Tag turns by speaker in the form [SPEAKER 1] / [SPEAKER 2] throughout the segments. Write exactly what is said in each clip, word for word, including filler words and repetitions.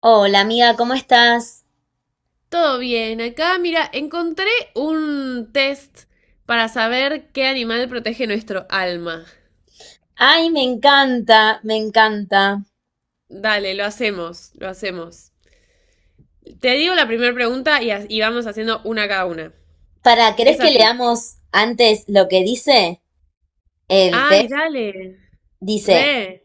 [SPEAKER 1] Hola amiga, ¿cómo estás?
[SPEAKER 2] Todo bien, acá mira, encontré un test para saber qué animal protege nuestro alma.
[SPEAKER 1] Ay, me encanta, me encanta.
[SPEAKER 2] Dale, lo hacemos, lo hacemos. Te digo la primera pregunta y, y vamos haciendo una cada una.
[SPEAKER 1] Para, ¿querés
[SPEAKER 2] Es
[SPEAKER 1] que
[SPEAKER 2] así.
[SPEAKER 1] leamos antes lo que dice el
[SPEAKER 2] Ay,
[SPEAKER 1] test?
[SPEAKER 2] dale.
[SPEAKER 1] Dice,
[SPEAKER 2] Re.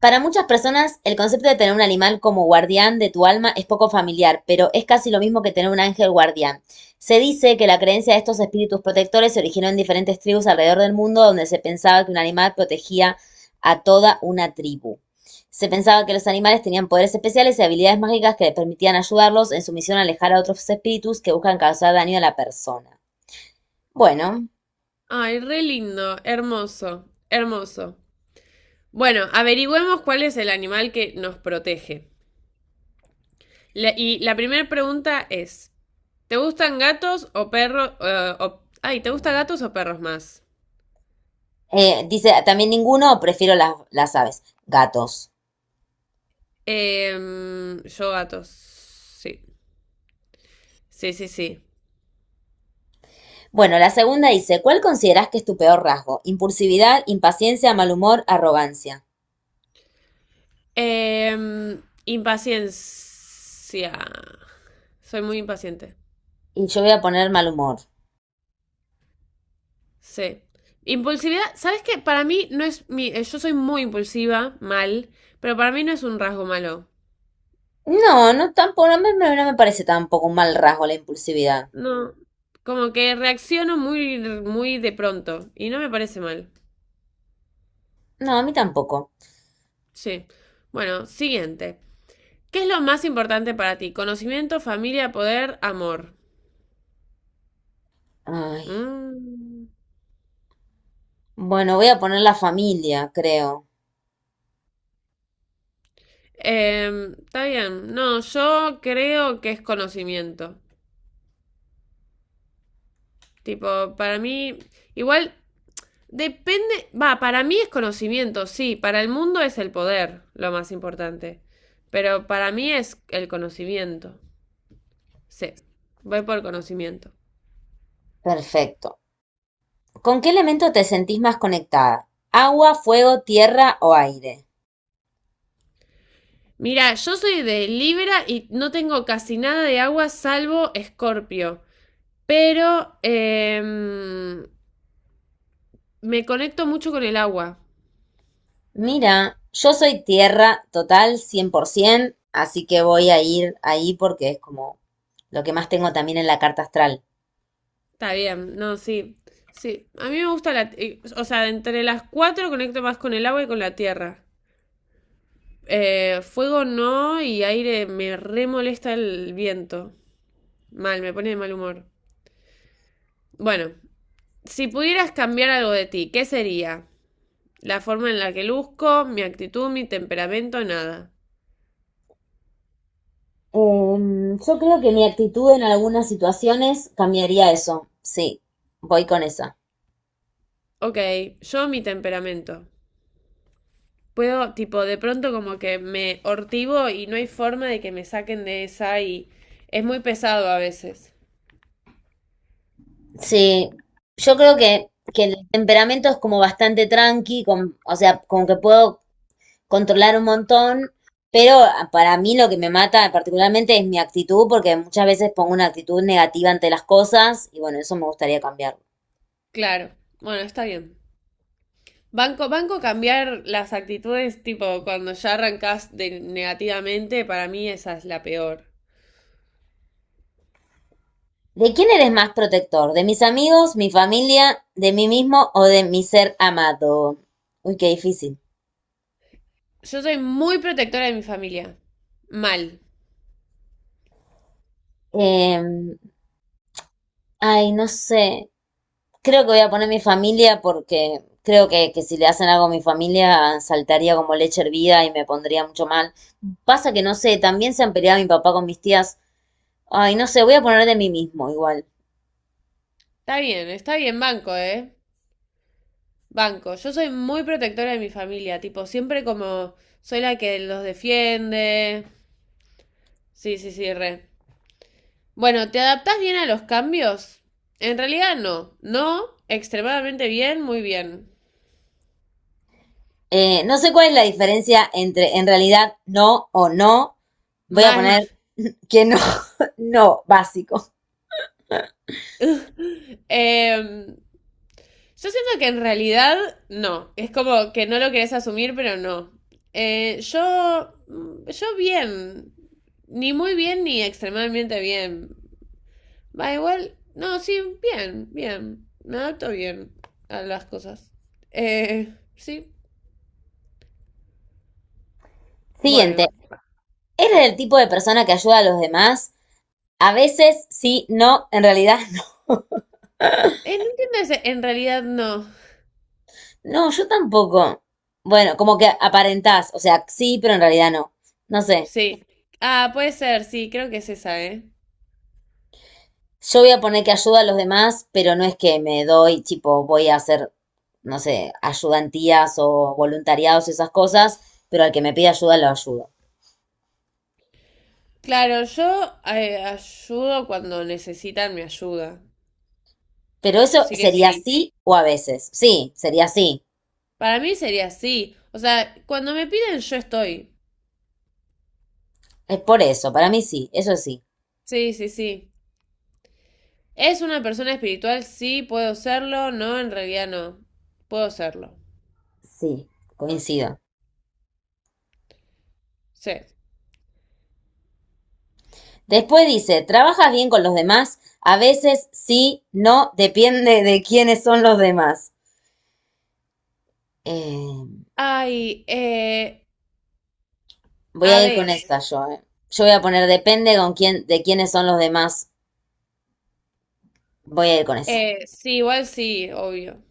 [SPEAKER 1] para muchas personas, el concepto de tener un animal como guardián de tu alma es poco familiar, pero es casi lo mismo que tener un ángel guardián. Se dice que la creencia de estos espíritus protectores se originó en diferentes tribus alrededor del mundo donde se pensaba que un animal protegía a toda una tribu. Se pensaba que los animales tenían poderes especiales y habilidades mágicas que les permitían ayudarlos en su misión a alejar a otros espíritus que buscan causar daño a la persona. Bueno,
[SPEAKER 2] Ay, re lindo, hermoso, hermoso. Bueno, averigüemos cuál es el animal que nos protege. La- y la primera pregunta es, ¿te gustan gatos o perros? Eh, o- ay, ¿te gustan gatos o perros más?
[SPEAKER 1] eh, dice también ninguno, prefiero las, las aves, gatos.
[SPEAKER 2] Em, yo gatos. Sí. Sí, sí, sí.
[SPEAKER 1] Bueno, la segunda dice, ¿cuál considerás que es tu peor rasgo? Impulsividad, impaciencia, mal humor, arrogancia.
[SPEAKER 2] Em, impaciencia. Soy muy impaciente.
[SPEAKER 1] Y yo voy a poner mal humor.
[SPEAKER 2] Sí. Impulsividad, ¿sabes qué? Para mí no es mi. Eh, Yo soy muy impulsiva, mal, pero para mí no es un rasgo malo.
[SPEAKER 1] No, no tampoco, no me, no no me parece tampoco un mal rasgo la impulsividad.
[SPEAKER 2] No. Como que reacciono muy, muy de pronto y no me parece mal.
[SPEAKER 1] No, a mí tampoco.
[SPEAKER 2] Sí. Bueno, siguiente. ¿Qué es lo más importante para ti? Conocimiento, familia, poder, amor.
[SPEAKER 1] Ay.
[SPEAKER 2] Mm.
[SPEAKER 1] Bueno, voy a poner la familia, creo.
[SPEAKER 2] Em, está bien. No, yo creo que es conocimiento. Tipo, para mí, igual depende. Va, para mí es conocimiento, sí. Para el mundo es el poder, lo más importante. Pero para mí es el conocimiento. Sí, voy por conocimiento.
[SPEAKER 1] Perfecto. ¿Con qué elemento te sentís más conectada? ¿Agua, fuego, tierra o aire?
[SPEAKER 2] Mira, yo soy de Libra y no tengo casi nada de agua salvo Escorpio. Pero em, me conecto mucho con el agua.
[SPEAKER 1] Mira, yo soy tierra total cien por ciento, así que voy a ir ahí porque es como lo que más tengo también en la carta astral.
[SPEAKER 2] Está bien, no, sí. Sí, a mí me gusta la... eh, o sea, entre las cuatro conecto más con el agua y con la tierra. Eh, fuego no y aire me re molesta el viento. Mal, me pone de mal humor. Bueno, si pudieras cambiar algo de ti, ¿qué sería? La forma en la que luzco, mi actitud, mi temperamento, nada.
[SPEAKER 1] Em, yo creo que mi actitud en algunas situaciones cambiaría eso. Sí, voy con esa.
[SPEAKER 2] Ok, yo mi temperamento. Puedo, tipo, de pronto como que me hortivo y no hay forma de que me saquen de esa y es muy pesado a veces.
[SPEAKER 1] Sí, yo creo que, que el temperamento es como bastante tranqui, con, o sea, como que puedo controlar un montón, pero para mí lo que me mata particularmente es mi actitud, porque muchas veces pongo una actitud negativa ante las cosas y bueno, eso me gustaría cambiarlo.
[SPEAKER 2] Claro, bueno, está bien. Banco, banco cambiar las actitudes, tipo, cuando ya arrancas de negativamente, para mí esa es la peor.
[SPEAKER 1] ¿De quién eres más protector? ¿De mis amigos, mi familia, de mí mismo o de mi ser amado? Uy, qué difícil.
[SPEAKER 2] Yo soy muy protectora de mi familia. Mal.
[SPEAKER 1] Eh, Ay, no sé. Creo que voy a poner mi familia porque creo que, que si le hacen algo a mi familia saltaría como leche hervida y me pondría mucho mal. Pasa que no sé, también se han peleado mi papá con mis tías. Ay, no sé, voy a poner de mí mismo igual.
[SPEAKER 2] Está bien, está bien, banco, ¿eh? Banco. Yo soy muy protectora de mi familia, tipo, siempre como soy la que los defiende. Sí, sí, sí, re. Bueno, ¿te adaptás bien a los cambios? En realidad no. No, extremadamente bien, muy bien.
[SPEAKER 1] Eh, no sé cuál es la diferencia entre en realidad no o no. Voy a
[SPEAKER 2] Mal.
[SPEAKER 1] poner que no, no, básico.
[SPEAKER 2] Em, Yo siento que en realidad no. Es como que no lo querés asumir, pero no. Eh, yo, yo bien. Ni muy bien ni extremadamente bien. Va igual. No, sí, bien, bien. Me adapto bien a las cosas. Eh, sí,
[SPEAKER 1] Siguiente.
[SPEAKER 2] bueno.
[SPEAKER 1] ¿Eres el tipo de persona que ayuda a los demás? A veces sí, no, en realidad.
[SPEAKER 2] Eh, no entiendo ese. En realidad no.
[SPEAKER 1] No, yo tampoco. Bueno, como que aparentás, o sea, sí, pero en realidad no. No sé.
[SPEAKER 2] Sí. Ah, puede ser, sí, creo que es esa, ¿eh?
[SPEAKER 1] Yo voy a poner que ayuda a los demás, pero no es que me doy, tipo, voy a hacer, no sé, ayudantías o voluntariados, y esas cosas, pero al que me pide ayuda lo ayudo.
[SPEAKER 2] Claro, yo eh, ayudo cuando necesitan mi ayuda.
[SPEAKER 1] Pero eso
[SPEAKER 2] Sí que
[SPEAKER 1] sería
[SPEAKER 2] sí.
[SPEAKER 1] sí o a veces. Sí, sería sí.
[SPEAKER 2] Para mí sería así. O sea, cuando me piden, yo estoy.
[SPEAKER 1] Es por eso, para mí sí, eso sí.
[SPEAKER 2] Sí, sí, sí. ¿Es una persona espiritual? Sí, puedo serlo. No, en realidad no. Puedo serlo.
[SPEAKER 1] Sí, coincido.
[SPEAKER 2] Sí.
[SPEAKER 1] Después dice, ¿trabajas bien con los demás? A veces sí, no, depende de quiénes son los demás. Eh,
[SPEAKER 2] Ay, eh,
[SPEAKER 1] Voy
[SPEAKER 2] a
[SPEAKER 1] a ir con
[SPEAKER 2] veces.
[SPEAKER 1] esta yo, eh. Yo voy a poner depende con quién, de quiénes son los demás. Voy a ir con eso.
[SPEAKER 2] Eh, sí, igual sí, obvio.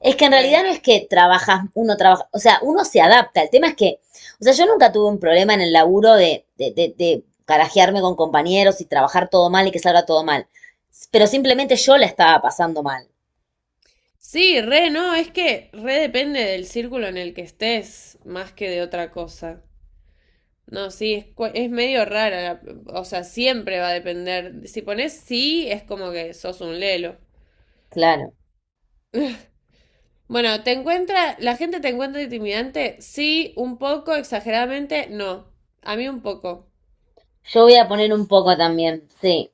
[SPEAKER 1] Es que en realidad
[SPEAKER 2] Re.
[SPEAKER 1] no es que trabajas, uno trabaja, o sea, uno se adapta. El tema es que, o sea, yo nunca tuve un problema en el laburo de, de, de, de carajearme con compañeros y trabajar todo mal y que salga todo mal. Pero simplemente yo la estaba pasando mal.
[SPEAKER 2] Sí, re, no, es que re depende del círculo en el que estés, más que de otra cosa. No, sí, es, cua- es medio rara, la- o sea, siempre va a depender. Si pones sí, es como que sos un lelo.
[SPEAKER 1] Claro.
[SPEAKER 2] Bueno, ¿te encuentra, ¿la gente te encuentra intimidante? Sí, un poco, exageradamente, no. A mí un poco.
[SPEAKER 1] Yo voy a poner un poco también, sí.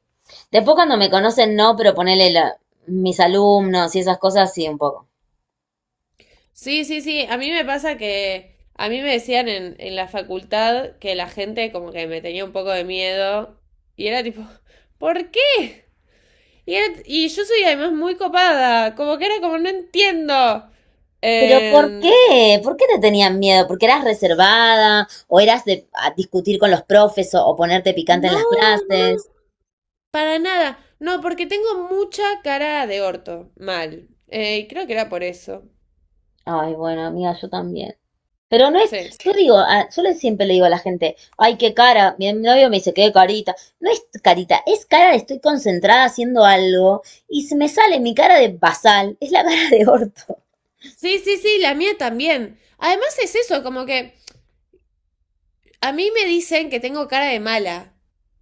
[SPEAKER 1] Después cuando me conocen, no, pero ponele la- mis alumnos y esas cosas, sí, un poco.
[SPEAKER 2] Sí, sí, sí, a mí me pasa que a mí me decían en, en la facultad que la gente como que me tenía un poco de miedo y era tipo, ¿por qué? Y, era- y yo soy además muy copada, como que era como, no entiendo.
[SPEAKER 1] Pero ¿por
[SPEAKER 2] Eh,
[SPEAKER 1] qué? ¿Por qué te tenían miedo? ¿Porque eras reservada o eras de a discutir con los profes o, o ponerte picante en
[SPEAKER 2] no,
[SPEAKER 1] las
[SPEAKER 2] no,
[SPEAKER 1] clases?
[SPEAKER 2] para nada. No, porque tengo mucha cara de orto, mal. Eh, y creo que era por eso.
[SPEAKER 1] Ay, bueno, amiga, yo también. Pero no es,
[SPEAKER 2] Sí.
[SPEAKER 1] yo digo, a- yo le siempre le digo a la gente, ay, qué cara, mi novio me dice, qué carita. No es carita, es cara de estoy concentrada haciendo algo y se me sale mi cara de basal, es la cara de orto,
[SPEAKER 2] Sí, sí, sí, la mía también. Además es eso, como que a mí me dicen que tengo cara de mala.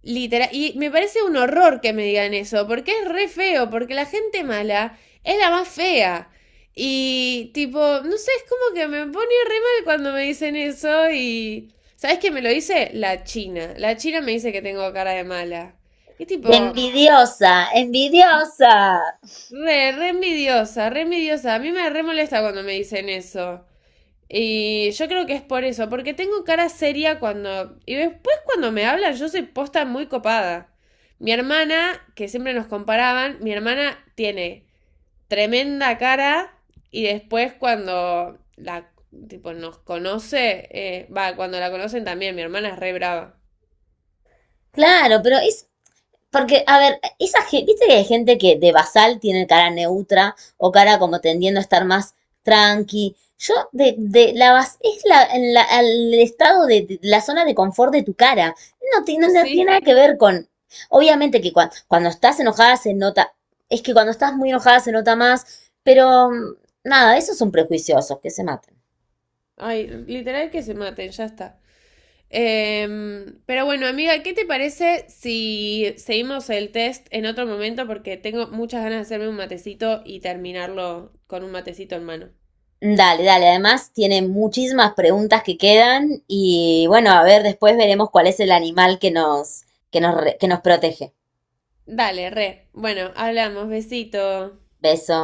[SPEAKER 2] Literal. Y me parece un horror que me digan eso, porque es re feo, porque la gente mala es la más fea. Y tipo, no sé, es como que me pone re mal cuando me dicen eso y... ¿Sabes qué me lo dice? La China. La China me dice que tengo cara de mala. Y
[SPEAKER 1] de
[SPEAKER 2] tipo,
[SPEAKER 1] envidiosa, envidiosa.
[SPEAKER 2] re, re envidiosa, re envidiosa. A mí me re molesta cuando me dicen eso. Y yo creo que es por eso, porque tengo cara seria cuando... Y después cuando me hablan yo soy posta muy copada. Mi hermana, que siempre nos comparaban, mi hermana tiene tremenda cara y después cuando la tipo nos conoce, eh, va, cuando la conocen también, mi hermana es re brava.
[SPEAKER 1] Claro, pero es. Porque, a ver, esa, ge- viste que hay gente que de basal tiene cara neutra o cara como tendiendo a estar más tranqui. Yo, de, de la bas- es la, en la- el estado de, de la zona de confort de tu cara. No, ti- no, no
[SPEAKER 2] Sí,
[SPEAKER 1] tiene nada que ver con. Obviamente que cuando, cuando estás enojada se nota. Es que cuando estás muy enojada se nota más. Pero mm, nada, esos son prejuiciosos, que se maten.
[SPEAKER 2] ay, literal que se maten, ya está. Em, pero bueno, amiga, ¿qué te parece si seguimos el test en otro momento? Porque tengo muchas ganas de hacerme un matecito y terminarlo con un matecito en mano.
[SPEAKER 1] Dale, dale. Además, tiene muchísimas preguntas que quedan y bueno, a ver, después veremos cuál es el animal que nos, que nos, re- que nos protege.
[SPEAKER 2] Dale, re. Bueno, hablamos, besito.
[SPEAKER 1] Beso.